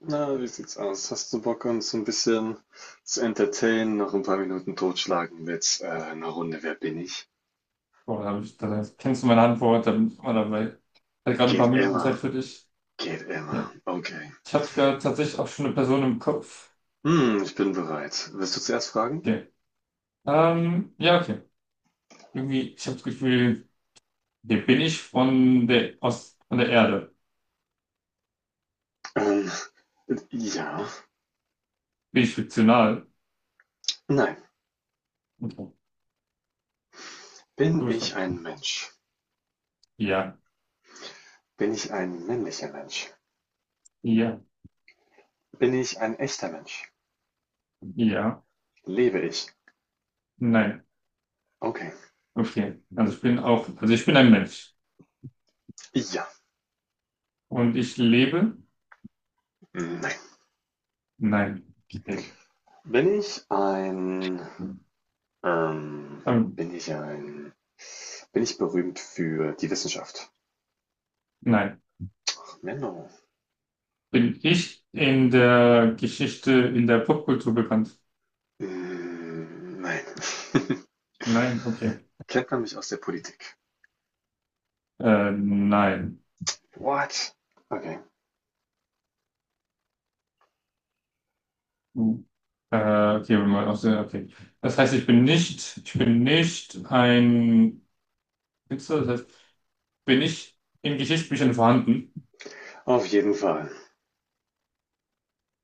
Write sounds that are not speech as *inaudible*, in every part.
Na, wie sieht's aus? Hast du Bock, uns so ein bisschen zu entertainen, noch ein paar Minuten totschlagen mit einer Runde Wer bin ich? Boah, da kennst du meine Antwort, da bin ich immer dabei. Ich hatte gerade ein paar Geht Minuten immer, Zeit für dich. geht immer. Ja. Okay. Ich habe da tatsächlich auch schon eine Person im Kopf. Hm, ich bin bereit. Willst du zuerst fragen? Okay. Ja, okay. Irgendwie, ich habe das Gefühl, hier bin ich von der Erde. Ähm, ja, Bin ich fiktional? nein. Okay. Bin Du bist dran. ich ein Mensch? Ja, Bin ich ein männlicher Mensch? ja, Bin ich ein echter Mensch? ja, Lebe ich? nein. Okay. Okay. Also ich bin ein Mensch. Ja, Und ich lebe? nein. Nein. Okay. Bin ich ein, ähm, Ähm, bin ich ein, Bin ich berühmt für die Wissenschaft? nein. Menno. Bin ich in der Geschichte, in der Popkultur bekannt? Mm, nein. Nein, okay. *laughs* Kennt man mich aus der Politik? Nein. What? Okay. Hm. Äh, okay, wenn man aus der, okay. Das heißt, ich bin nicht ein Witzer, das heißt, bin ich in Geschichtsbüchern vorhanden? Auf jeden Fall.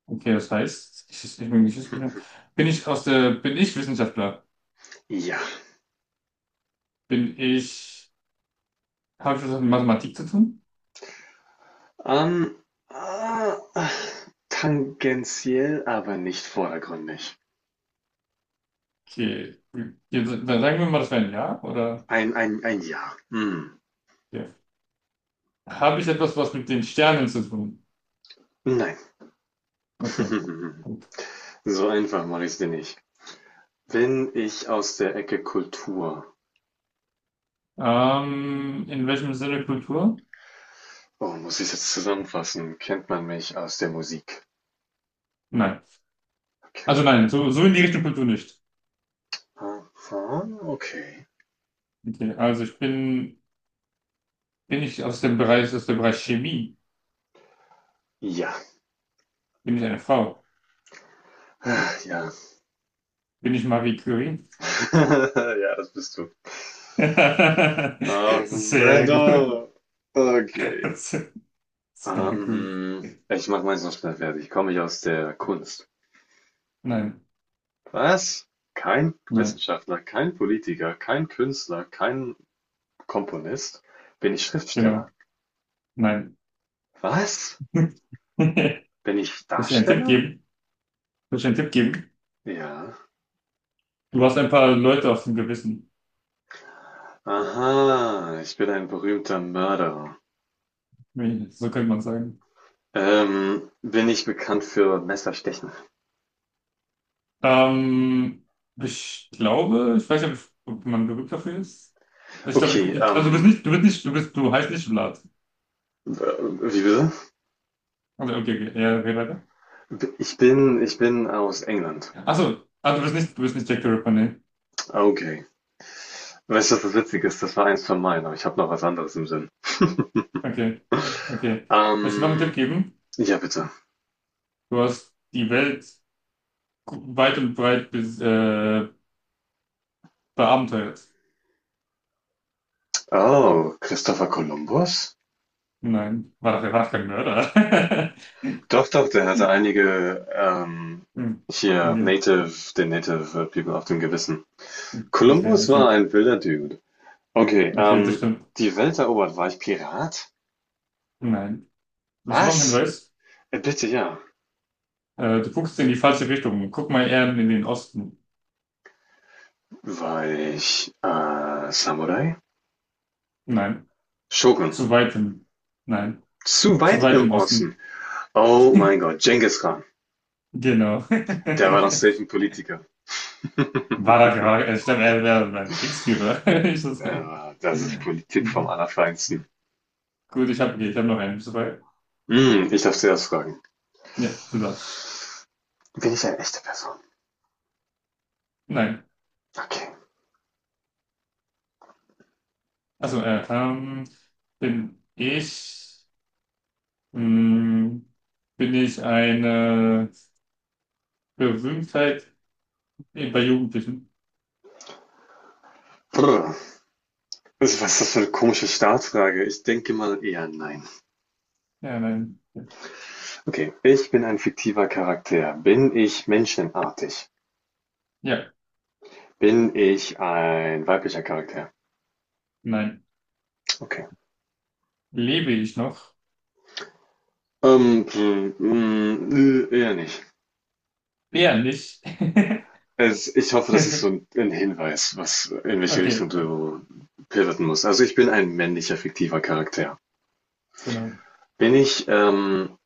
Okay, das heißt, ich bin in Geschichtsbüchern. Bin ich Wissenschaftler? Ja. Bin ich, habe ich was mit Mathematik zu tun? Ähm, ah, Tangentiell, aber nicht vordergründig. Okay. Dann sagen wir mal, das wäre ein Ja, oder? Ein Ja. Hm. Ja. Habe ich etwas, was mit den Sternen zu tun? Nein. Okay, gut. *laughs* So einfach mache ich es dir nicht. Bin ich aus der Ecke Kultur? In welchem Sinne Kultur? Oh, muss ich es jetzt zusammenfassen? Kennt man mich aus der Musik? Nein. Okay. Also nein, so, so in die Richtung Kultur nicht. Okay. Okay, bin ich aus dem Bereich Chemie? Ja, Bin ich eine Frau? ja. Bin ich Marie Curie? *laughs* Ja, das bist du. *laughs* Ach, Sehr gut. Männer. Okay. Sehr gut. Ich mache meins noch schnell fertig. Komme ich aus der Kunst? Nein, Was? Kein nein, Wissenschaftler, kein Politiker, kein Künstler, kein Komponist. Bin ich Schriftsteller? genau, nein. Was? *laughs* Soll Bin ich ich dir einen Tipp Darsteller? geben? Soll ich dir einen Tipp geben? Ja. Du hast ein paar Leute auf dem Gewissen. Aha, ich bin ein berühmter Mörderer. So könnte man sagen. Bin ich bekannt für Messerstechen? Ähm, ich glaube, ich weiß nicht, ob man berühmt dafür ist. Ich glaube, Okay, also du bist, du heißt nicht Vlad. w- wie bitte? Also, okay, okay, ja, okay, weiter. Ich bin aus England. Achso, ah, du bist nicht Jack the Ripper, nee. Okay. Weißt du, was das Witzige ist? Das war eins von meinen, aber ich habe noch was anderes im Sinn. *laughs* Okay, okay. Soll ich dir noch einen Tipp Ähm, geben? ja, bitte. Du hast die Welt weit und breit beabenteuert. Oh, Christopher Columbus? Nein, war doch kein Mörder. Doch, doch, der hatte *laughs* einige Hm, hier okay, Native, den Native People auf dem Gewissen. okay, Columbus das war stimmt. ein wilder Dude. Okay, Okay, das stimmt. die Welt erobert, war ich Pirat? Nein. Willst du noch einen Was? Hinweis? Bitte ja. Du guckst in die falsche Richtung. Guck mal eher in den Osten. War ich Samurai? Nein, Shogun. zu weit im, nein, Zu zu weit weit im im Osten. Osten. Oh mein Gott, Genghis Khan. Genau. Der *laughs* war doch safe ein Politiker. *laughs* War da gerade, ich glaube, er wäre ein Kriegsführer, *laughs* würde ich so sagen. Ja, das ist Politik vom Allerfeinsten. Gut, ich hab noch einen. Soweit. Hm, ich darf zuerst fragen. Ja, du darfst. Bin ich eine echte Person? Nein. Okay. Also, bin ich, mh, bin ich eine Berühmtheit bei Jugendlichen? Brr. Was ist das für eine komische Startfrage? Ich denke mal eher nein. Ja, nein. Okay. Ich bin ein fiktiver Charakter. Bin ich menschenartig? Ja, Bin ich ein weiblicher Charakter? nein. Okay. Lebe ich noch? Eher nicht. Eher nicht. Ich hoffe, das ist so *laughs* ein Hinweis, was, in welche Okay, Richtung du pivoten musst. Also ich bin ein männlicher fiktiver Charakter. genau. Bin ich ähm,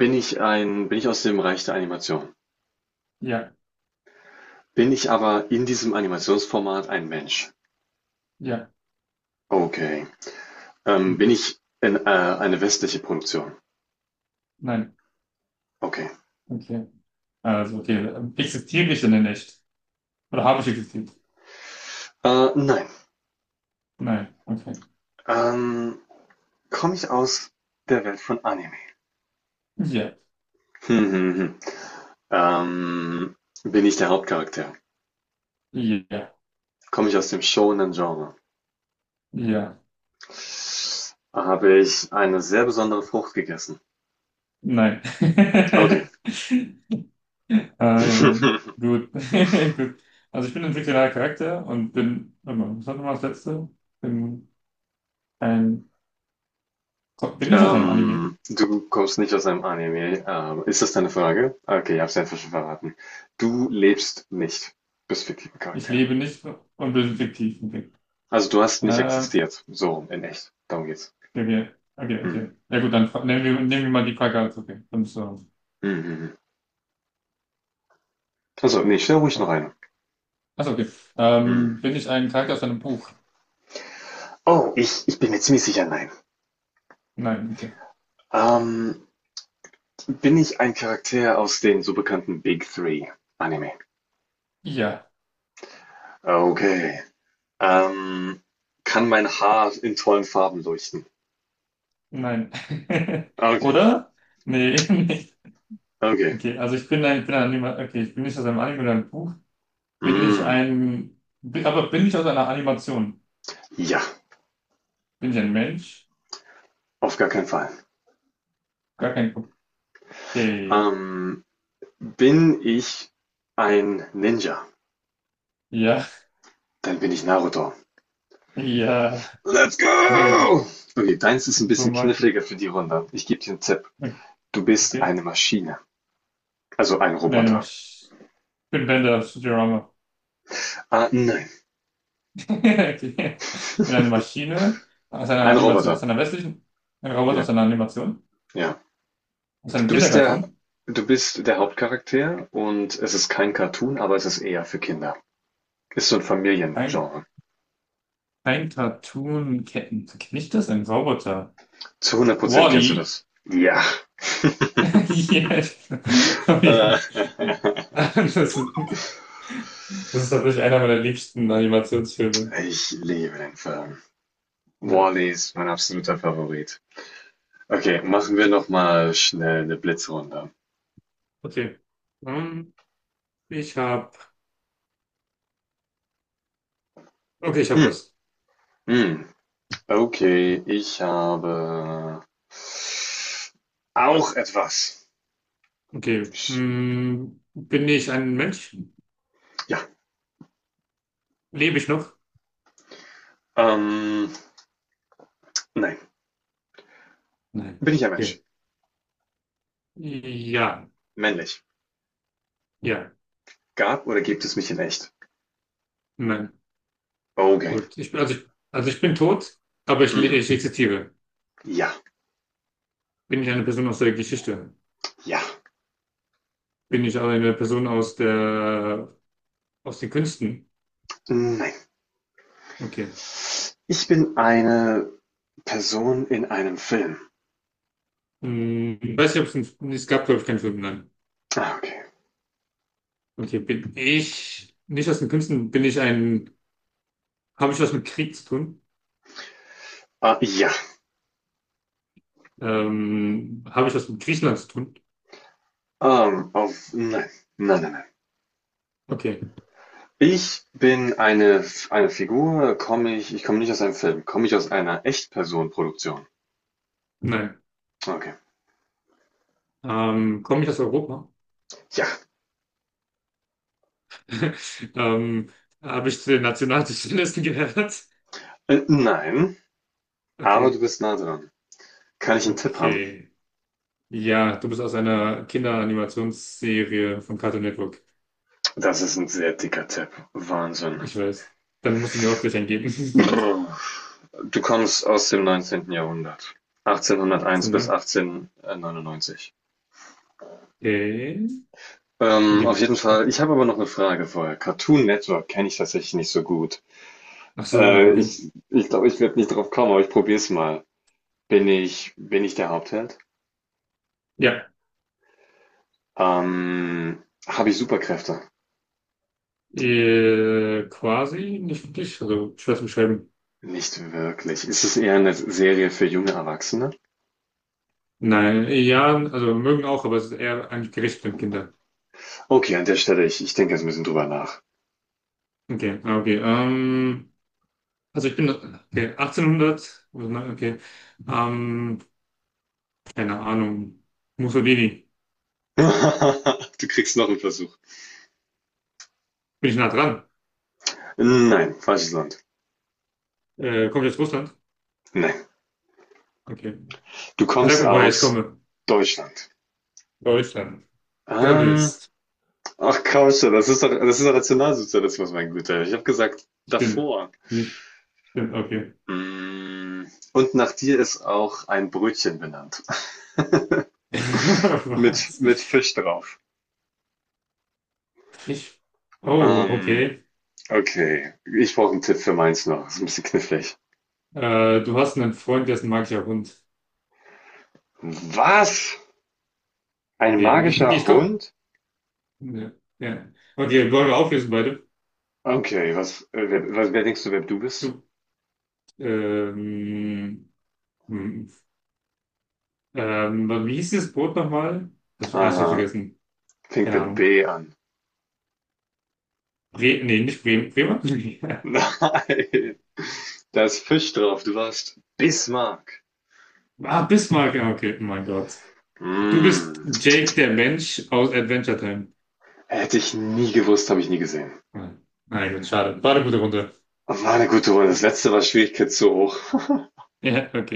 bin ich aus dem Bereich der Animation. Ja, Bin ich aber in diesem Animationsformat ein Mensch? ja. Okay. Hm, Ähm, bin ich in, äh, eine westliche Produktion? nein, Okay. okay. Also, okay. Existiere ich denn nicht? Oder habe ich existiert? Nein. Nein, okay. Ähm, komme ich aus der Welt von Anime? Ja, Hm, hm, hm. Ähm, bin ich der Hauptcharakter? ja, Komme ich aus dem Shonen-Genre? ja. Habe ich eine sehr besondere Frucht gegessen? Nein. Okay. *laughs* *laughs* Gut. *laughs* Gut. Also, ich bin ein fiktionaler Charakter und bin. Warte mal, was war nochmal das letzte? Bin ein. Bin ich aus einem Anime? Du kommst nicht aus einem Anime. Ist das deine Frage? Okay, ich habe es einfach schon verraten. Du lebst nicht. Bist fiktiver Ich Charakter. lebe nicht und bin fiktiv. Okay. Also du hast nicht Ähm, existiert. So, in echt. Darum geht's. okay, okay, Hm. okay. Ja gut, dann nehmen wir mal die Frage als okay. Und so. Hm, hm, hm. Also, nee, stell ruhig noch Oh. eine. Achso, okay. Hm. Bin ich ein Charakter aus einem Buch? Oh, ich bin mir ziemlich sicher, nein. Nein. Okay. Ähm, bin ich ein Charakter aus den so bekannten Big Three Anime? Ja, Okay. Ähm, kann mein Haar in tollen Farben leuchten? nein. *laughs* Okay, Oder? Nee, *laughs* nee. okay. Okay, also ich bin ein Anima okay, ich bin nicht aus einem Anime oder einem Buch. Bin ich Hm. ein, bi- aber bin ich aus einer Animation? Ja. Bin ich ein Mensch? Auf gar keinen Fall. Gar kein Pro- Okay. Ähm, bin ich ein Ninja? Ja, Dann bin ich Naruto. *laughs* ja. Let's Okay, go! Okay, deins ist ein so bisschen mag ich. kniffliger für die Runde. Ich gebe dir einen Tipp. Du bist Okay. eine Maschine. Also ein Nein, Roboter. ich bin Bender aus Futurama. Ah, nein. *laughs* Okay. Ich bin eine Maschine Ein aus Roboter. einer westlichen, ein Roboter Ja, aus einer Animation, ja. aus einem Du bist der, Kindercartoon. du bist der Hauptcharakter und es ist kein Cartoon, aber es ist eher für Kinder. Ist so ein Ein, Familiengenre. ein Cartoon, kenn ich das? Ein Roboter. Zu hundert Prozent kennst du Wall-E? das. Ja. *laughs* Yes. Oh ja. *laughs* Das ist, das ist tatsächlich einer meiner liebsten Animationsfilme. Ich liebe den Film. Ja. Wall-E ist mein absoluter Favorit. Okay, machen wir noch mal schnell eine Blitzrunde. Okay. Ähm, ich habe, okay, ich habe Hm, was. hm, okay, ich habe auch etwas. Okay. Hm, bin ich ein Mensch? Ja, Lebe ich noch? ähm, nein. Nein. Bin ich ein Okay. Mensch? Ja, Männlich. ja. Gab oder gibt es mich in echt? Nein, Okay. gut. Ich, bin- also ich bin tot, aber Hm, ich existiere. ja, Bin ich eine Person aus der Geschichte? ja, Bin ich aber eine Person aus der, aus den Künsten? nein. Okay. Ich bin eine Person in einem Film. Hm, ich weiß nicht, ob es ein, es gab, glaube ich, keinen Film, nein. Ah, okay. Okay, bin ich nicht aus den Künsten? Habe ich was mit Krieg zu tun? Ah, ja. Habe ich was mit Griechenland zu tun? Auf nein. Nein, nein, nein. Okay, Ich bin eine F eine Figur, komme ich ich komme nicht aus einem Film. Komme ich aus einer Echtperson-Produktion? nein. Okay. Komme ich aus Europa? Ja. *laughs* ähm, habe ich zu den Nationalsozialisten *laughs* gehört? Nein, aber du Okay, bist nah dran. Kann ich einen Tipp haben? okay. Ja, du bist aus einer Kinderanimationsserie von Cartoon Network. Das ist ein sehr dicker Tipp. Wahnsinn. Ich weiß. Dann musst du mir auch gleich eingeben. *laughs* Brr. Du kommst aus dem neunzehnten Jahrhundert. Warte 1801 bis mal. 1899. Okay. Auf Okay. jeden Ah, Fall ich habe aber noch eine Frage vorher. Cartoon Network kenne ich tatsächlich nicht so gut. ach so, okay. Ich glaube, ich werde nicht drauf kommen, aber ich probiere es mal. Bin ich der Hauptheld? Ja, Habe ich Superkräfte? Quasi nicht wirklich. Also schwer zu beschreiben. Nicht wirklich. Ist es eher eine Serie für junge Erwachsene? Nein, ja, also mögen auch, aber es ist eher eigentlich gerichtet an Kinder. Okay, an der Stelle, ich denke jetzt ein bisschen drüber nach. Okay, ah, okay. Also, 1800. oder nein, okay. Ähm, keine Ahnung. Mussolini. *laughs* Du kriegst noch einen Versuch. Bin ich nah dran? Nein, falsches Land. Komme ich aus Russland? Nein. Okay. Du Sag kommst mir, woher ich aus komme. Deutschland. Deutschland. Ähm, Goebbels. ach komm schon, das ist doch Nationalsozialismus, mein Guter. Ich habe gesagt, Stimmt. davor. Nicht. Stimmt, okay. Mm, und nach dir ist auch ein Brötchen benannt. *laughs* *laughs* Was? mit Fisch drauf. Ich. Oh, Ähm, okay. Okay, ich brauche einen Tipp für meins noch. Ist ein bisschen knifflig. Du hast einen Freund, der ist ein magischer Hund. Was? Ein Okay, ich magischer komm. Hund? Ja. Ja. Okay, wollen wir auflösen beide? Okay, was wer denkst du, wer du bist? Du. Ähm, hm. Wie hieß dieses Brot nochmal? Das, ah, ich hab's Aha, vergessen. fängt Keine mit Ahnung. B an. Bre nee, nicht Bremen. Bremer? *laughs* *laughs* Nein, da ist Fisch drauf. Du warst Bismarck. Ah, Bismarck. Ah, okay, oh mein Gott. Du bist Hm, Jake, der Mensch aus Adventure Time. hätte ich nie gewusst, habe ich nie gesehen. Ah, ah, ecco, ciao. Fare pure con te. War eine gute Runde. Das letzte war Schwierigkeit zu hoch. Eh, ok.